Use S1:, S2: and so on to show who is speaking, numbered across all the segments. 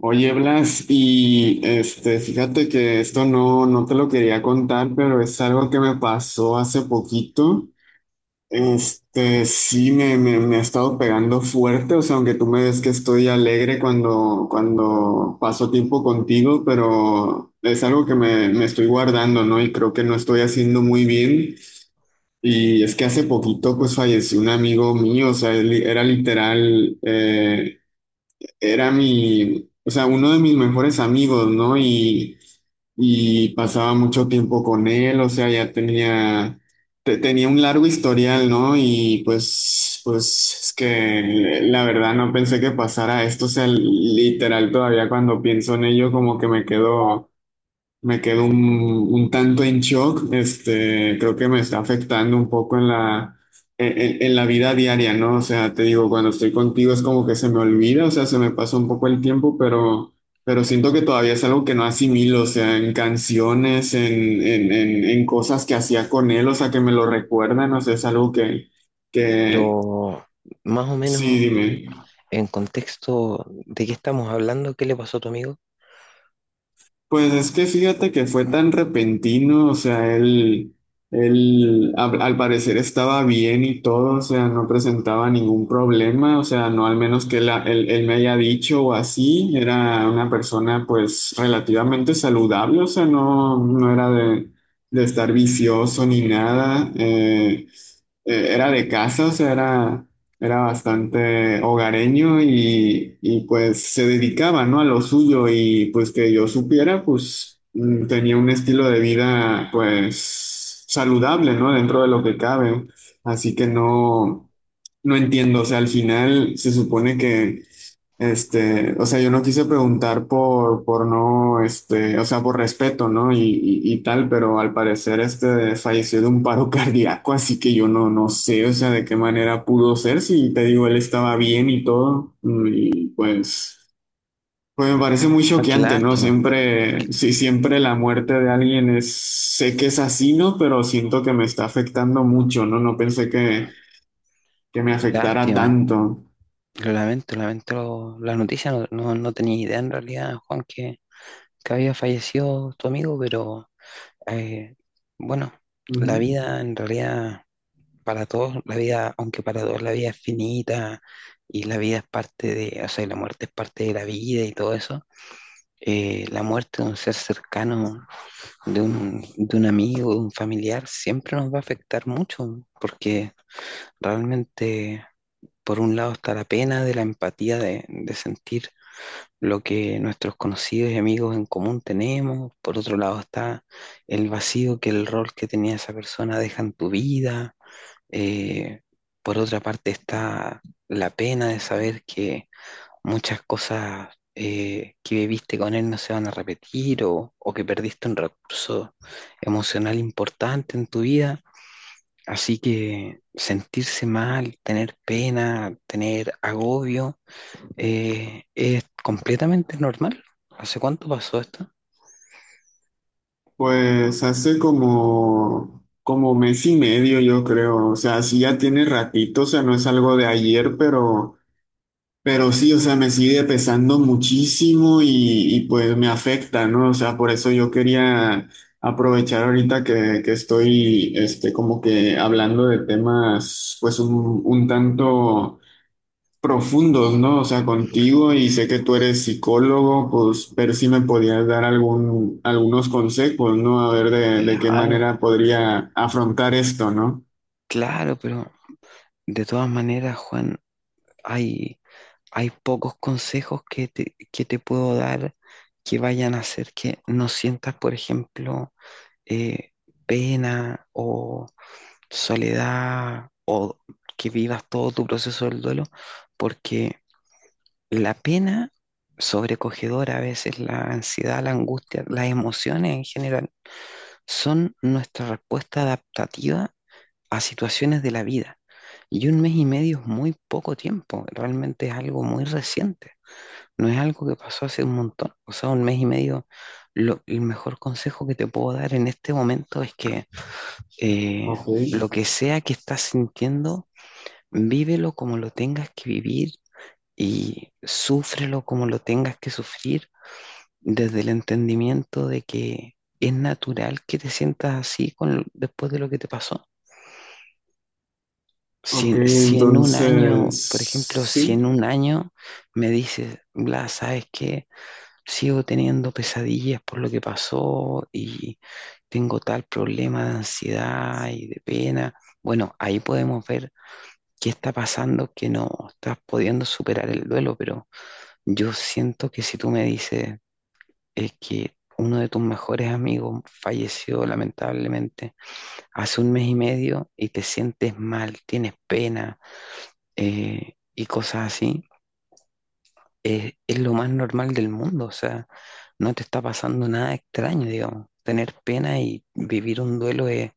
S1: Oye, Blas, y este, fíjate que esto no, no te lo quería contar, pero es algo que me pasó hace poquito. Este, sí, me ha estado pegando fuerte, o sea, aunque tú me ves que estoy alegre cuando paso tiempo contigo, pero es algo que me estoy guardando, ¿no? Y creo que no estoy haciendo muy bien. Y es que hace poquito, pues falleció un amigo mío, o sea, él era literal, era mi, o sea, uno de mis mejores amigos, ¿no? Y pasaba mucho tiempo con él, o sea, ya tenía un largo historial, ¿no? Y pues es que la verdad no pensé que pasara esto, o sea, literal todavía cuando pienso en ello como que me quedo. Me quedo un tanto en shock, este, creo que me está afectando un poco en la vida diaria, ¿no? O sea, te digo, cuando estoy contigo es como que se me olvida, o sea, se me pasa un poco el tiempo, pero siento que todavía es algo que no asimilo, o sea, en canciones, en cosas que hacía con él, o sea, que me lo recuerdan, o sea, es algo que.
S2: Pero más o
S1: Sí,
S2: menos
S1: dime.
S2: en contexto de qué estamos hablando, ¿qué le pasó a tu amigo?
S1: Pues es que fíjate que fue tan repentino, o sea, él al parecer estaba bien y todo, o sea, no presentaba ningún problema, o sea, no al menos que él me haya dicho o así, era una persona pues relativamente saludable, o sea, no, no era de estar vicioso ni nada, era de casa, o sea, era. Era bastante hogareño y, pues se dedicaba, ¿no? a lo suyo y pues que yo supiera, pues tenía un estilo de vida pues saludable, ¿no? dentro de lo que cabe. Así que no, no entiendo, o sea, al final se supone que este, o sea, yo no quise preguntar por no, este, o sea, por respeto, ¿no? Y tal, pero al parecer este falleció de un paro cardíaco, así que yo no, no sé, o sea, de qué manera pudo ser, si te digo, él estaba bien y todo, y pues me parece muy
S2: Ah, qué
S1: choqueante, ¿no?
S2: lástima,
S1: Siempre, sí, siempre la muerte de alguien es, sé que es así, ¿no? Pero siento que me está afectando mucho, ¿no? No pensé que me
S2: qué
S1: afectara
S2: lástima.
S1: tanto.
S2: Lo lamento, lamento la noticia. No, no, no tenía idea en realidad, Juan, que había fallecido tu amigo, pero eh, bueno, la
S1: Ujú.
S2: vida en realidad para todos, la vida, aunque para todos la vida es finita y la vida es parte de, o sea, la muerte es parte de la vida y todo eso, la muerte de un ser cercano de un amigo, de un familiar, siempre nos va a afectar mucho, porque realmente, por un lado, está la pena de la empatía de sentir lo que nuestros conocidos y amigos en común tenemos, por otro lado está el vacío que el rol que tenía esa persona deja en tu vida. Eh, por otra parte está la pena de saber que muchas cosas que viviste con él no se van a repetir o que perdiste un recurso emocional importante en tu vida. Así que sentirse mal, tener pena, tener agobio, es completamente normal. ¿Hace cuánto pasó esto?
S1: Pues hace como mes y medio, yo creo. O sea, sí ya tiene ratito, o sea, no es algo de ayer, pero sí, o sea, me sigue pesando muchísimo y pues me afecta, ¿no? O sea, por eso yo quería aprovechar ahorita que estoy, este, como que hablando de temas, pues un tanto profundos, ¿no? O sea, contigo y sé que tú eres psicólogo, pues ver si me podías dar algunos consejos, ¿no? A ver de qué
S2: Claro,
S1: manera podría afrontar esto, ¿no?
S2: claro, pero de todas maneras, Juan, hay, hay pocos consejos que te puedo dar que vayan a hacer que no sientas, por ejemplo, eh, pena o soledad o que vivas todo tu proceso del duelo, porque la pena sobrecogedora, a veces la ansiedad, la angustia, las emociones en general, son nuestra respuesta adaptativa a situaciones de la vida. Y un mes y medio es muy poco tiempo, realmente es algo muy reciente, no es algo que pasó hace un montón, o sea, un mes y medio, el mejor consejo que te puedo dar en este momento es que eh,
S1: Ok,
S2: lo que sea que estás sintiendo, vívelo como lo tengas que vivir y súfrelo como lo tengas que sufrir desde el entendimiento de que es natural que te sientas así con, después de lo que te pasó.
S1: ok,
S2: Si en un
S1: entonces,
S2: año, por ejemplo, si en
S1: sí.
S2: un año me dices, Blas, ¿sabes qué? Sigo teniendo pesadillas por lo que pasó y tengo tal problema de ansiedad y de pena. Bueno, ahí podemos ver ¿qué está pasando que no estás pudiendo superar el duelo? Pero yo siento que si tú me dices es que uno de tus mejores amigos falleció lamentablemente hace un mes y medio y te sientes mal, tienes pena y cosas así, es lo más normal del mundo. O sea, no te está pasando nada extraño, digamos. Tener pena y vivir un duelo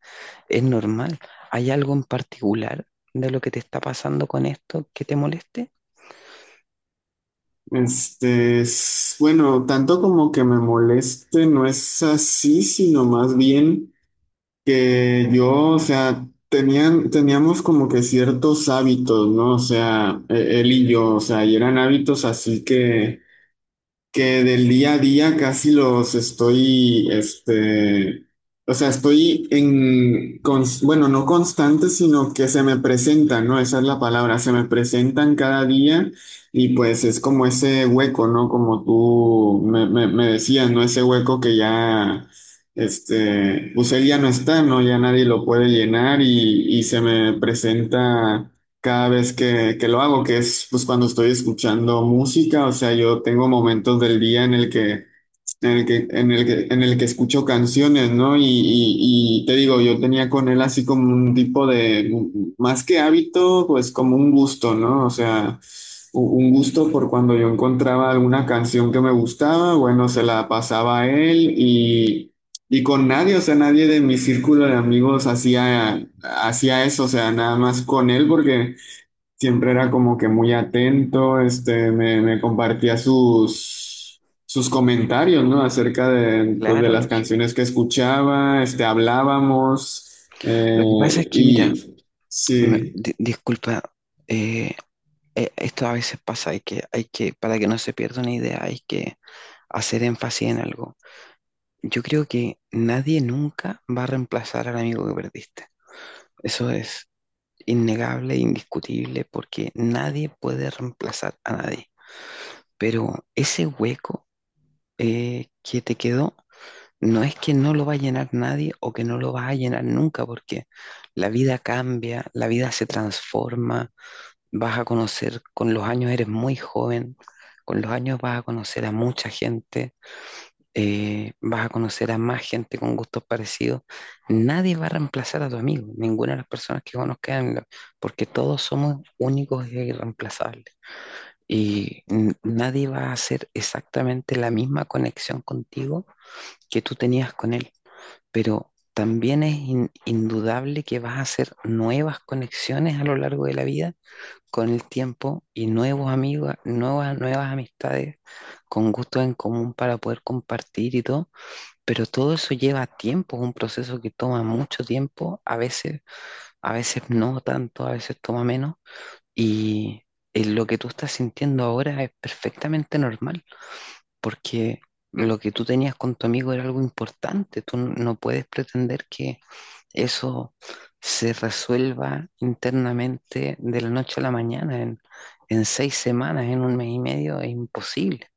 S2: es normal. ¿Hay algo en particular de lo que te está pasando con esto que te moleste?
S1: Este, bueno, tanto como que me moleste, no es así, sino más bien, que yo, o sea, teníamos como que ciertos hábitos, ¿no? O sea, él y yo, o sea, y eran hábitos así que del día a día casi los estoy, este, o sea, estoy en, bueno, no constante, sino que se me presentan, ¿no? Esa es la palabra, se me presentan cada día y pues es como ese hueco, ¿no? Como tú me decías, ¿no? Ese hueco que ya, este, pues él ya no está, ¿no? Ya nadie lo puede llenar y se me presenta cada vez que lo hago, que es pues cuando estoy escuchando música, o sea, yo tengo momentos del día en el que, en el que, en el que, en el que escucho canciones, ¿no? Y te digo, yo tenía con él así como un tipo de, más que hábito, pues como un gusto, ¿no? O sea, un gusto por cuando yo encontraba alguna canción que me gustaba, bueno, se la pasaba a él. Y con nadie, o sea, nadie de mi círculo de amigos hacía eso, o sea, nada más con él, porque siempre era como que muy atento, este, me compartía sus comentarios, ¿no? Acerca de, pues, de
S2: Claro,
S1: las
S2: lógico.
S1: canciones que escuchaba, este, hablábamos,
S2: Lo que pasa es que, mira,
S1: y sí.
S2: disculpa, eh, esto a veces pasa, para que no se pierda una idea, hay que hacer énfasis en algo. Yo creo que nadie nunca va a reemplazar al amigo que perdiste. Eso es innegable, indiscutible, porque nadie puede reemplazar a nadie. Pero ese hueco que te quedó, no es que no lo va a llenar nadie o que no lo vas a llenar nunca, porque la vida cambia, la vida se transforma, vas a conocer, con los años eres muy joven, con los años vas a conocer a mucha gente, vas a conocer a más gente con gustos parecidos. Nadie va a reemplazar a tu amigo, ninguna de las personas que conozcan, porque todos somos únicos e irreemplazables. Y nadie va a hacer exactamente la misma conexión contigo que tú tenías con él, pero también es indudable que vas a hacer nuevas conexiones a lo largo de la vida con el tiempo y nuevos amigos, nuevas amistades con gustos en común para poder compartir y todo, pero todo eso lleva tiempo, es un proceso que toma mucho tiempo, a veces no tanto, a veces toma menos y lo que tú estás sintiendo ahora es perfectamente normal, porque lo que tú tenías con tu amigo era algo importante, tú no puedes pretender que eso se resuelva internamente de la noche a la mañana, en seis semanas, en un mes y medio, es imposible.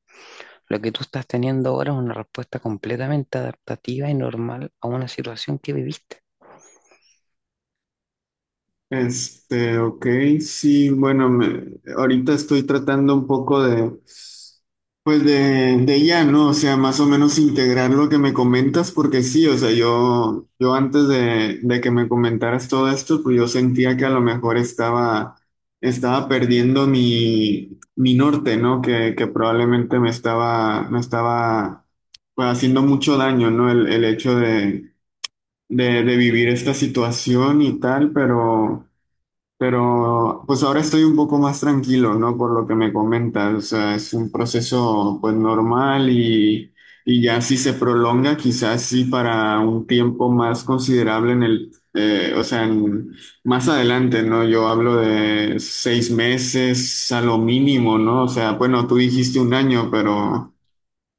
S2: Lo que tú estás teniendo ahora es una respuesta completamente adaptativa y normal a una situación que viviste.
S1: Este, ok, sí, bueno, ahorita estoy tratando un poco de, pues de ya, ¿no? O sea, más o menos integrar lo que me comentas, porque sí, o sea, yo antes de que me comentaras todo esto, pues yo sentía que a lo mejor estaba perdiendo mi norte, ¿no? Que probablemente me estaba, pues, haciendo mucho daño, ¿no? El hecho de vivir esta situación y tal, pero. Pero pues ahora estoy un poco más tranquilo, ¿no? Por lo que me comentas, o sea, es un proceso pues normal y ya si se prolonga, quizás sí para un tiempo más considerable, o sea, más adelante, ¿no? Yo hablo de 6 meses a lo mínimo, ¿no? O sea, bueno, tú dijiste un año, pero.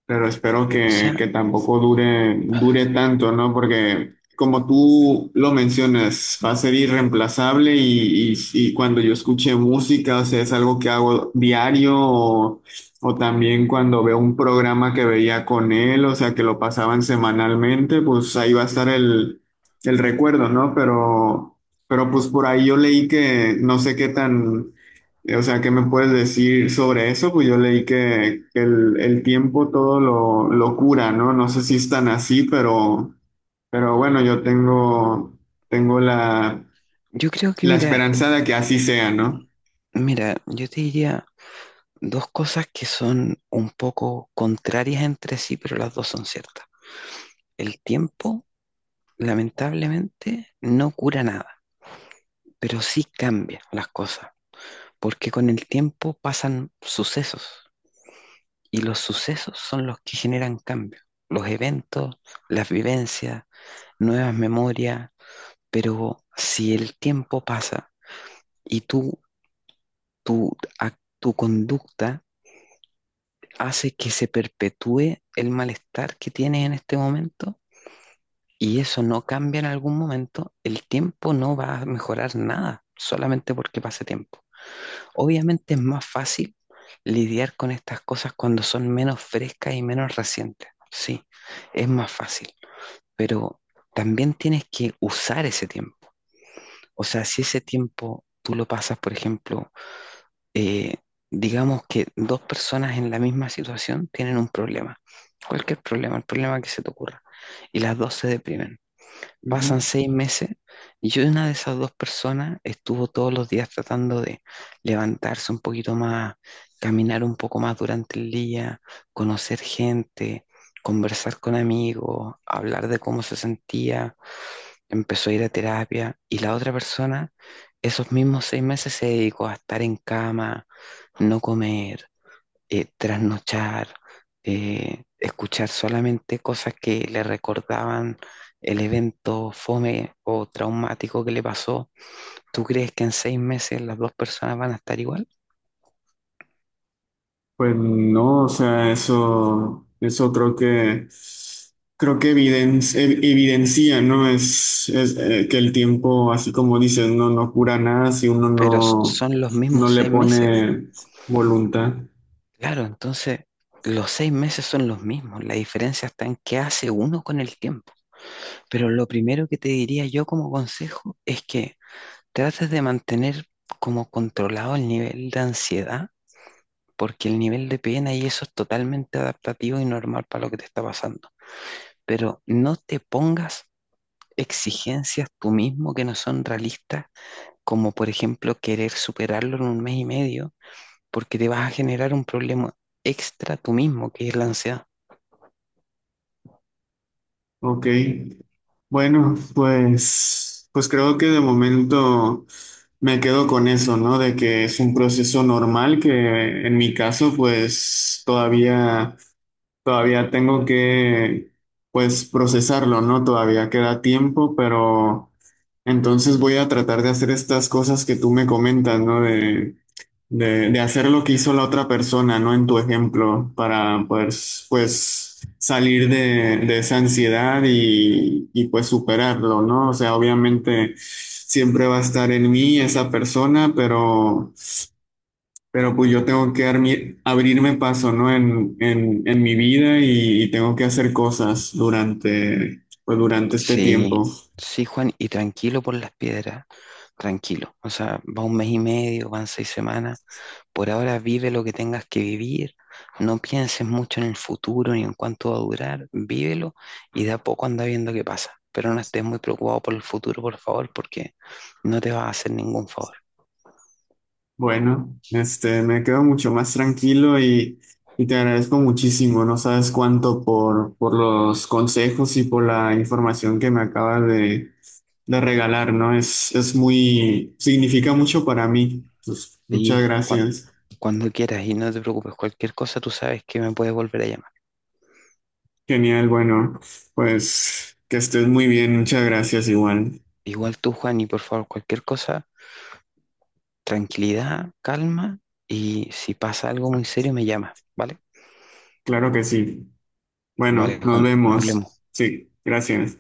S1: Pero espero
S2: O
S1: que,
S2: sea,
S1: que tampoco dure tanto, ¿no? Porque como tú lo mencionas, va a ser irreemplazable y cuando yo escuche música, o sea, es algo que hago diario o también cuando veo un programa que veía con él, o sea, que lo pasaban semanalmente, pues ahí va a estar el recuerdo, ¿no? Pero pues por ahí yo leí que no sé qué tan. O sea, ¿qué me puedes decir sobre eso? Pues yo leí que el tiempo todo lo cura, ¿no? No sé si es tan así, pero bueno, yo tengo la,
S2: yo creo que,
S1: la
S2: mira,
S1: esperanza de que así sea, ¿no?
S2: mira, yo te diría dos cosas que son un poco contrarias entre sí, pero las dos son ciertas. El tiempo, lamentablemente, no cura nada, pero sí cambia las cosas, porque con el tiempo pasan sucesos y los sucesos son los que generan cambios, los eventos, las vivencias, nuevas memorias, pero si el tiempo pasa y tu, tu conducta hace que se perpetúe el malestar que tienes en este momento y eso no cambia en algún momento, el tiempo no va a mejorar nada solamente porque pase tiempo. Obviamente es más fácil lidiar con estas cosas cuando son menos frescas y menos recientes. Sí, es más fácil, pero también tienes que usar ese tiempo. O sea, si ese tiempo tú lo pasas, por ejemplo, eh, digamos que dos personas en la misma situación tienen un problema, cualquier problema, el problema que se te ocurra, y las dos se deprimen. Pasan
S1: Ujú.
S2: 6 meses y yo una de esas dos personas estuvo todos los días tratando de levantarse un poquito más, caminar un poco más durante el día, conocer gente, conversar con amigos, hablar de cómo se sentía, empezó a ir a terapia y la otra persona esos mismos 6 meses se dedicó a estar en cama, no comer, trasnochar, escuchar solamente cosas que le recordaban el evento fome o traumático que le pasó. ¿Tú crees que en 6 meses las dos personas van a estar igual?
S1: Pues no, o sea, eso creo que evidencia, ¿no? Es que el tiempo, así como dices, no, no cura nada si uno
S2: Pero
S1: no,
S2: son los mismos
S1: no le
S2: 6 meses.
S1: pone voluntad.
S2: Claro, entonces los 6 meses son los mismos. La diferencia está en qué hace uno con el tiempo. Pero lo primero que te diría yo como consejo es que trates de mantener como controlado el nivel de ansiedad, porque el nivel de pena y eso es totalmente adaptativo y normal para lo que te está pasando. Pero no te pongas exigencias tú mismo que no son realistas, como por ejemplo querer superarlo en un mes y medio, porque te vas a generar un problema extra tú mismo, que es la ansiedad.
S1: Ok, bueno, pues creo que de momento me quedo con eso, ¿no? De que es un proceso normal que en mi caso, pues todavía tengo que, pues, procesarlo, ¿no? Todavía queda tiempo, pero entonces voy a tratar de hacer estas cosas que tú me comentas, ¿no? De hacer lo que hizo la otra persona, ¿no? En tu ejemplo, para pues salir de esa ansiedad y pues superarlo, ¿no? O sea, obviamente siempre va a estar en mí esa persona, pero pues yo tengo que abrirme paso, ¿no? En mi vida y tengo que hacer cosas durante, pues durante este
S2: Sí,
S1: tiempo.
S2: sí, Juan, y tranquilo por las piedras, tranquilo. O sea, va un mes y medio, van 6 semanas. Por ahora vive lo que tengas que vivir, no pienses mucho en el futuro ni en cuánto va a durar, vívelo y de a poco anda viendo qué pasa. Pero no estés muy preocupado por el futuro, por favor, porque no te va a hacer ningún favor.
S1: Bueno, este, me quedo mucho más tranquilo y te agradezco muchísimo. No sabes cuánto por los consejos y por la información que me acabas de regalar, ¿no? Es muy, significa mucho para mí. Pues, muchas
S2: Y
S1: gracias.
S2: cuando quieras y no te preocupes, cualquier cosa tú sabes que me puedes volver a llamar.
S1: Genial, bueno, pues que estés muy bien. Muchas gracias igual.
S2: Igual tú, Juan, y por favor, cualquier cosa, tranquilidad, calma y si pasa algo muy serio me llamas, ¿vale?
S1: Claro que sí.
S2: Vale,
S1: Bueno, nos
S2: Juan, nos
S1: vemos.
S2: vemos.
S1: Sí, gracias.